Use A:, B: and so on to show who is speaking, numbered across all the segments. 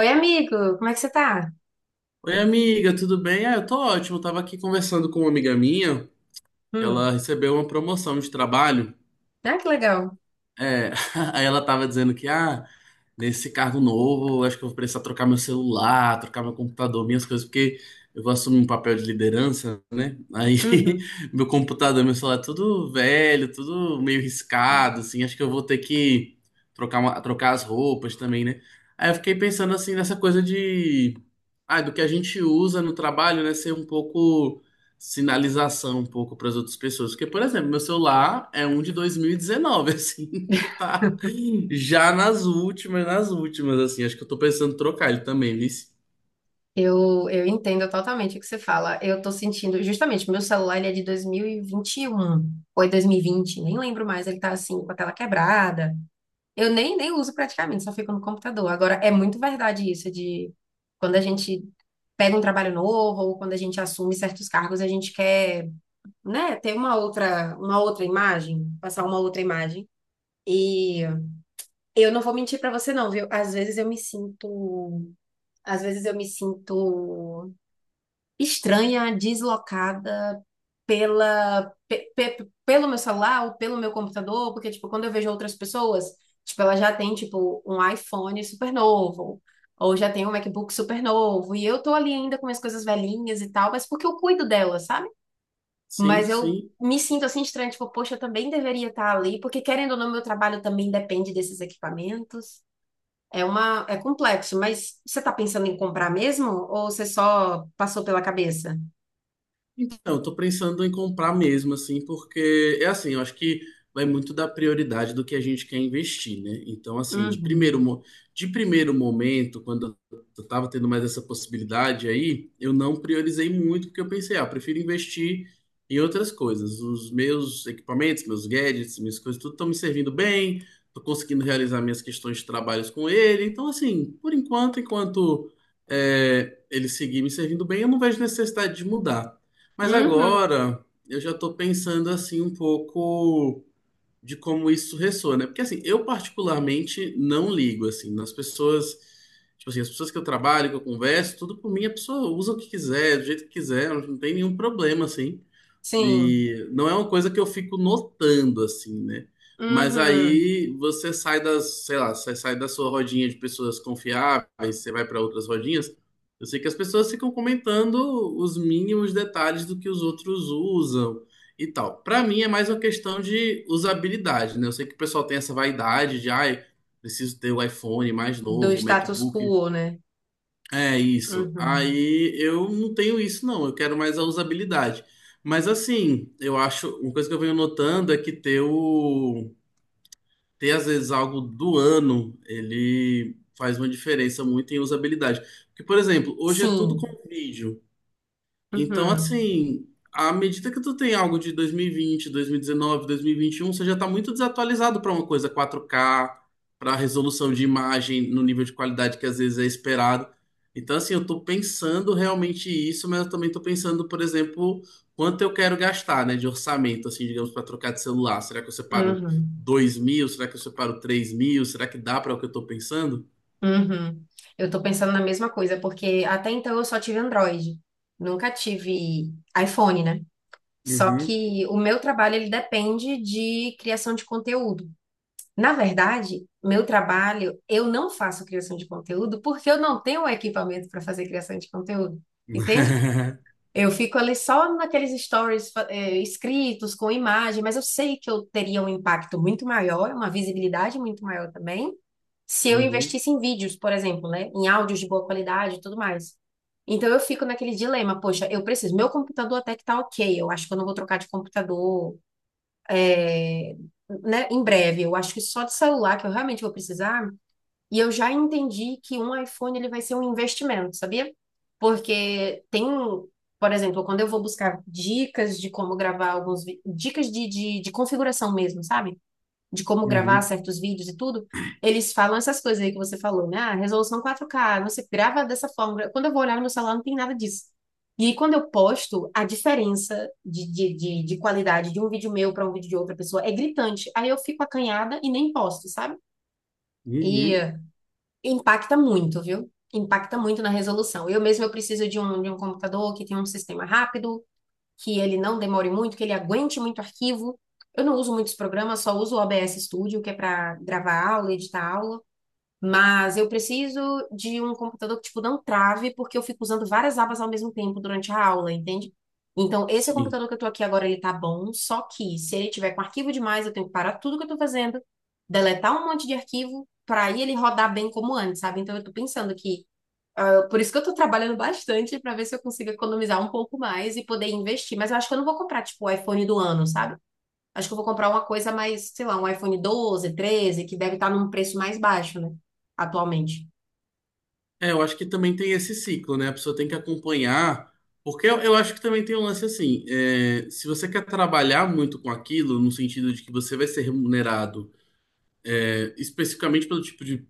A: Oi, amigo, como é que você tá?
B: Oi, amiga, tudo bem? Ah, eu tô ótimo. Eu tava aqui conversando com uma amiga minha. Ela
A: Hum.
B: recebeu uma promoção de trabalho.
A: Ah, que legal.
B: É, aí ela tava dizendo que, nesse cargo novo, acho que eu vou precisar trocar meu celular, trocar meu computador, minhas coisas, porque eu vou assumir um papel de liderança, né? Aí
A: Uhum.
B: meu computador, meu celular, é tudo velho, tudo meio riscado, assim. Acho que eu vou ter que trocar, trocar as roupas também, né? Aí eu fiquei pensando, assim, nessa coisa de. Ah, do que a gente usa no trabalho, né, ser um pouco sinalização um pouco para as outras pessoas. Porque, por exemplo, meu celular é um de 2019, assim, que tá já nas últimas, assim. Acho que eu tô pensando em trocar ele também, viu?
A: Eu entendo totalmente o que você fala. Eu tô sentindo, justamente, meu celular ele é de 2021 ou é 2020, nem lembro mais, ele tá assim, com a tela quebrada. Eu nem uso praticamente, só fico no computador. Agora, é muito verdade isso de quando a gente pega um trabalho novo ou quando a gente assume certos cargos, a gente quer, né, ter uma outra imagem, passar uma outra imagem. e Eu não vou mentir pra você não, viu? Às vezes eu me sinto estranha, deslocada pelo meu celular ou pelo meu computador, porque tipo, quando eu vejo outras pessoas, tipo, ela já tem tipo um iPhone super novo, ou já tem um MacBook super novo, e eu tô ali ainda com minhas coisas velhinhas e tal, mas porque eu cuido delas, sabe?
B: Sim,
A: Mas eu
B: sim.
A: me sinto assim estranha, tipo, poxa, eu também deveria estar ali, porque querendo ou não, meu trabalho também depende desses equipamentos. É complexo, mas você está pensando em comprar mesmo ou você só passou pela cabeça?
B: Então, eu tô pensando em comprar mesmo, assim, porque é assim, eu acho que vai muito da prioridade do que a gente quer investir, né? Então, assim,
A: Uhum.
B: de primeiro momento, quando eu tava tendo mais essa possibilidade aí, eu não priorizei muito, porque eu pensei, ah, eu prefiro investir em outras coisas. Os meus equipamentos, meus gadgets, minhas coisas, tudo estão me servindo bem, tô conseguindo realizar minhas questões de trabalhos com ele. Então, assim, por enquanto, enquanto ele seguir me servindo bem, eu não vejo necessidade de mudar. Mas
A: Uhum.
B: agora eu já estou pensando assim um pouco de como isso ressoa, né? Porque assim, eu particularmente não ligo assim nas pessoas, tipo assim, as pessoas que eu trabalho, que eu converso, tudo por mim, a pessoa usa o que quiser, do jeito que quiser, não tem nenhum problema assim.
A: Sim.
B: E não é uma coisa que eu fico notando, assim, né? Mas
A: Uhum.
B: aí você sai das, sei lá, você sai da sua rodinha de pessoas confiáveis, você vai para outras rodinhas. Eu sei que as pessoas ficam comentando os mínimos detalhes do que os outros usam e tal. Para mim é mais uma questão de usabilidade, né? Eu sei que o pessoal tem essa vaidade de, ai, preciso ter o iPhone mais
A: Do
B: novo, o
A: status
B: MacBook
A: quo, né?
B: é isso.
A: Uhum.
B: Aí eu não tenho isso, não. Eu quero mais a usabilidade. Mas assim, eu acho, uma coisa que eu venho notando é que ter às vezes algo do ano, ele faz uma diferença muito em usabilidade. Porque, por exemplo, hoje é tudo com
A: Sim.
B: vídeo. Então,
A: Uhum.
B: assim, à medida que tu tem algo de dois mil e vinte e um você já tá muito desatualizado para uma coisa 4K para resolução de imagem no nível de qualidade que às vezes é esperado. Então, assim, eu tô pensando realmente isso, mas eu também tô pensando, por exemplo, quanto eu quero gastar, né, de orçamento, assim, digamos, para trocar de celular. Será que eu separo
A: Uhum.
B: 2.000? Será que eu separo 3.000? Será que dá para o que eu tô pensando?
A: Uhum. Eu tô pensando na mesma coisa, porque até então eu só tive Android. Nunca tive iPhone, né? Só
B: Uhum.
A: que o meu trabalho ele depende de criação de conteúdo. Na verdade, meu trabalho, eu não faço criação de conteúdo porque eu não tenho o equipamento para fazer criação de conteúdo, entende? Eu fico ali só naqueles stories, escritos, com imagem, mas eu sei que eu teria um impacto muito maior, uma visibilidade muito maior também, se eu
B: Uhum.
A: investisse em vídeos, por exemplo, né? Em áudios de boa qualidade e tudo mais. Então eu fico naquele dilema, poxa, eu preciso, meu computador até que tá ok, eu acho que eu não vou trocar de computador, é, né, em breve. Eu acho que só de celular que eu realmente vou precisar. E eu já entendi que um iPhone ele vai ser um investimento, sabia? Porque tem, por exemplo, quando eu vou buscar dicas de como gravar alguns, dicas de configuração mesmo, sabe? De como gravar
B: Uhum.
A: certos vídeos e tudo, eles falam essas coisas aí que você falou, né? Ah, resolução 4K, você grava dessa forma. Quando eu vou olhar no meu celular, não tem nada disso. E aí, quando eu posto, a diferença de qualidade de um vídeo meu para um vídeo de outra pessoa é gritante. Aí eu fico acanhada e nem posto, sabe? E
B: Uhum.
A: eh, Impacta muito, viu? Impacta muito na resolução. Eu mesmo eu preciso de um computador que tem um sistema rápido, que ele não demore muito, que ele aguente muito arquivo. Eu não uso muitos programas, só uso o OBS Studio, que é para gravar aula, editar aula. Mas eu preciso de um computador que, tipo, não trave, porque eu fico usando várias abas ao mesmo tempo durante a aula, entende? Então, esse
B: Sim.
A: computador que eu tô aqui agora, ele tá bom, só que se ele tiver com arquivo demais, eu tenho que parar tudo que eu tô fazendo, deletar um monte de arquivo, para aí ele rodar bem como antes, sabe? Então, eu tô pensando que por isso que eu tô trabalhando bastante pra ver se eu consigo economizar um pouco mais e poder investir. Mas eu acho que eu não vou comprar, tipo, o iPhone do ano, sabe? Acho que eu vou comprar uma coisa mais, sei lá, um iPhone 12 13 que deve estar num preço mais baixo, né? Atualmente.
B: É, eu acho que também tem esse ciclo, né? A pessoa tem que acompanhar, porque eu acho que também tem um lance assim, é, se você quer trabalhar muito com aquilo, no sentido de que você vai ser remunerado, é, especificamente pelo tipo de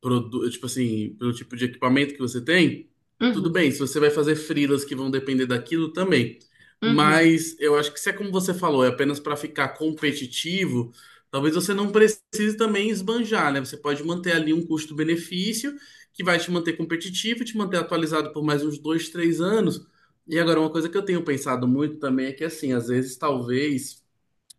B: produ- tipo assim, pelo tipo de equipamento que você tem, tudo
A: Uhum,
B: bem. Se você vai fazer freelas que vão depender daquilo também.
A: uhum,
B: Mas eu acho que se é como você falou, é apenas para ficar competitivo, talvez você não precise também esbanjar, né? Você pode manter ali um custo-benefício que vai te manter competitivo, te manter atualizado por mais uns dois, três anos. E agora, uma coisa que eu tenho pensado muito também é que, assim, às vezes, talvez,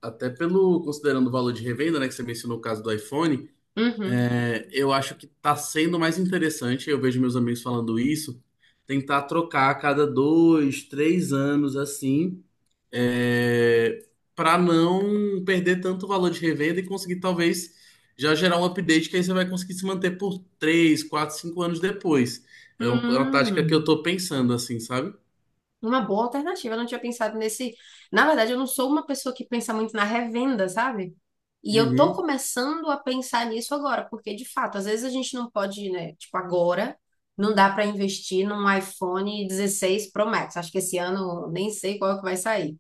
B: até pelo, considerando o valor de revenda, né, que você mencionou o caso do iPhone.
A: uhum.
B: Eu acho que tá sendo mais interessante, eu vejo meus amigos falando isso, tentar trocar a cada dois, três anos assim, é, para não perder tanto valor de revenda e conseguir talvez já gerar um update que aí você vai conseguir se manter por três, quatro, cinco anos depois. É um- é uma tática que eu
A: Hum.
B: tô pensando assim, sabe?
A: Uma boa alternativa. Eu não tinha pensado nesse. Na verdade, eu não sou uma pessoa que pensa muito na revenda, sabe? E eu tô
B: Uhum,
A: começando a pensar nisso agora, porque de fato, às vezes a gente não pode, né? Tipo, agora não dá para investir num iPhone 16 Pro Max. Acho que esse ano nem sei qual que vai sair.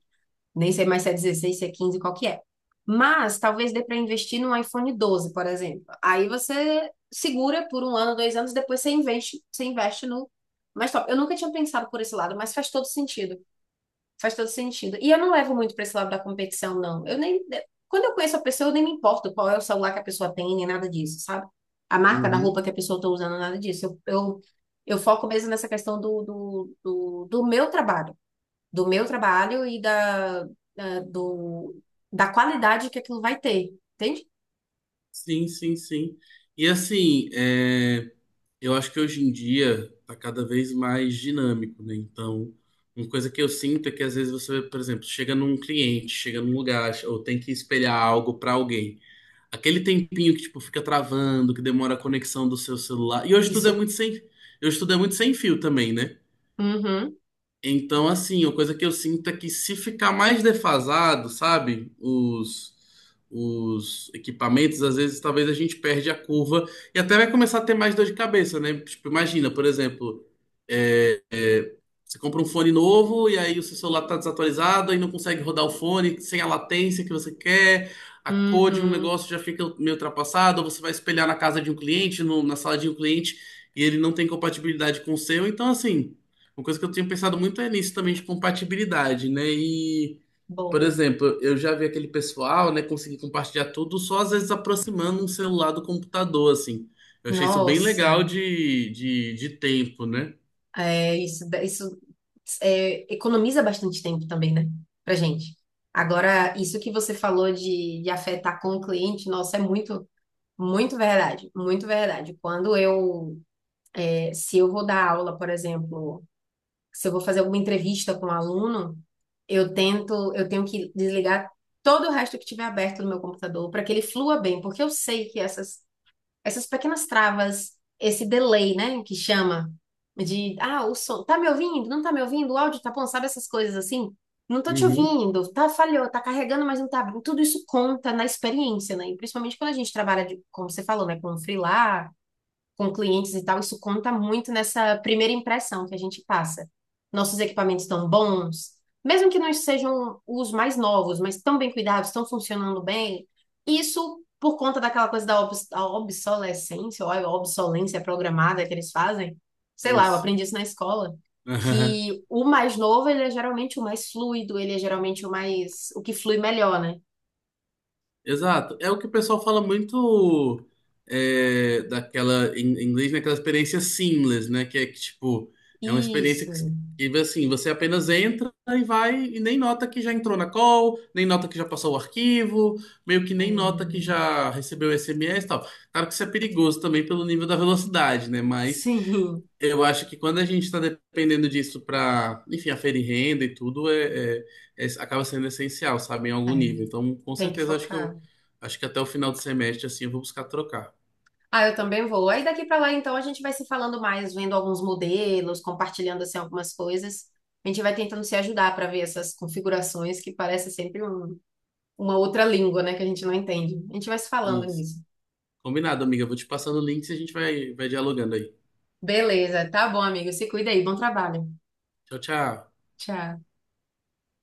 A: Nem sei mais se é 16 se é 15 qual que é. Mas talvez dê para investir num iPhone 12, por exemplo. Aí você segura por um ano, dois anos, depois você investe no mais top. Eu nunca tinha pensado por esse lado, mas faz todo sentido. Faz todo sentido. E eu não levo muito para esse lado da competição, não. Eu nem. Quando eu conheço a pessoa, eu nem me importo qual é o celular que a pessoa tem, nem nada disso, sabe? A marca da
B: uhum.
A: roupa que a pessoa está usando, nada disso. Eu foco mesmo nessa questão do meu trabalho do meu trabalho e da, do, da qualidade que aquilo vai ter, entende?
B: Sim, sim, sim. E assim, Eu acho que hoje em dia tá cada vez mais dinâmico, né? Então, uma coisa que eu sinto é que às vezes você, por exemplo, chega num cliente, chega num lugar, ou tem que espelhar algo para alguém. Aquele tempinho que tipo fica travando, que demora a conexão do seu celular. E hoje tudo é
A: Isso.
B: muito sem, hoje tudo é muito sem fio também, né?
A: Uhum,
B: Então, assim, a coisa que eu sinto é que se ficar mais defasado, sabe, os equipamentos, às vezes talvez a gente perde a curva e até vai começar a ter mais dor de cabeça, né? Tipo, imagina, por exemplo, é, é, você compra um fone novo e aí o seu celular tá desatualizado e não consegue rodar o fone sem a latência que você quer, a cor de um
A: uhum,
B: negócio já fica meio ultrapassada, ou você vai espelhar na casa de um cliente, na sala de um cliente e ele não tem compatibilidade com o seu, então assim. Uma coisa que eu tenho pensado muito é nisso também de compatibilidade, né? E, por
A: boa.
B: exemplo, eu já vi aquele pessoal, né, conseguir compartilhar tudo só às vezes aproximando um celular do computador, assim. Eu achei isso bem legal
A: Nossa,
B: de tempo, né?
A: isso, isso economiza bastante tempo também, né? Pra gente. Agora, isso que você falou de afetar com o cliente, nossa, muito verdade, muito verdade. Se eu vou dar aula, por exemplo, se eu vou fazer alguma entrevista com um aluno, eu tenho que desligar todo o resto que tiver aberto no meu computador para que ele flua bem, porque eu sei que essas pequenas travas, esse delay, né, que chama de ah, o som, tá me ouvindo? Não tá me ouvindo? O áudio tá bom, sabe essas coisas assim? Não tô te
B: Uhum.
A: ouvindo, tá falhou, tá carregando, mas não tá. Tudo isso conta na experiência, né? E principalmente quando a gente trabalha de, como você falou, né, com freela, com clientes e tal, isso conta muito nessa primeira impressão que a gente passa. Nossos equipamentos estão bons, mesmo que não sejam os mais novos, mas estão bem cuidados, estão funcionando bem. Isso por conta daquela coisa da a obsolescência, ou a obsolência programada que eles fazem. Sei lá, eu
B: Isso.
A: aprendi isso na escola, que o mais novo, ele é geralmente o mais fluido, ele é geralmente o mais, o que flui melhor, né?
B: Exato. É o que o pessoal fala muito é, daquela, em inglês, naquela experiência seamless, né? Que é que, tipo, é uma experiência
A: Isso.
B: que, assim, você apenas entra e vai e nem nota que já entrou na call, nem nota que já passou o arquivo, meio que
A: É.
B: nem nota que já recebeu SMS e tal. Claro que isso é perigoso também pelo nível da velocidade, né? Mas
A: Sim.
B: eu acho que quando a gente está dependendo disso para, enfim, aferir renda e tudo, acaba sendo essencial, sabe, em
A: É,
B: algum nível. Então, com
A: tem que
B: certeza, acho que
A: focar.
B: eu acho que até o final do semestre, assim, eu vou buscar trocar.
A: Ah, eu também vou. Aí daqui pra lá, então, a gente vai se falando mais, vendo alguns modelos, compartilhando assim algumas coisas. A gente vai tentando se ajudar para ver essas configurações que parece sempre uma outra língua, né, que a gente não entende. A gente vai se falando
B: Isso.
A: nisso.
B: Combinado, amiga. Eu vou te passando o link e a gente vai, vai dialogando aí.
A: Beleza, tá bom, amigo. Se cuida aí. Bom trabalho.
B: Tchau, tchau.
A: Tchau.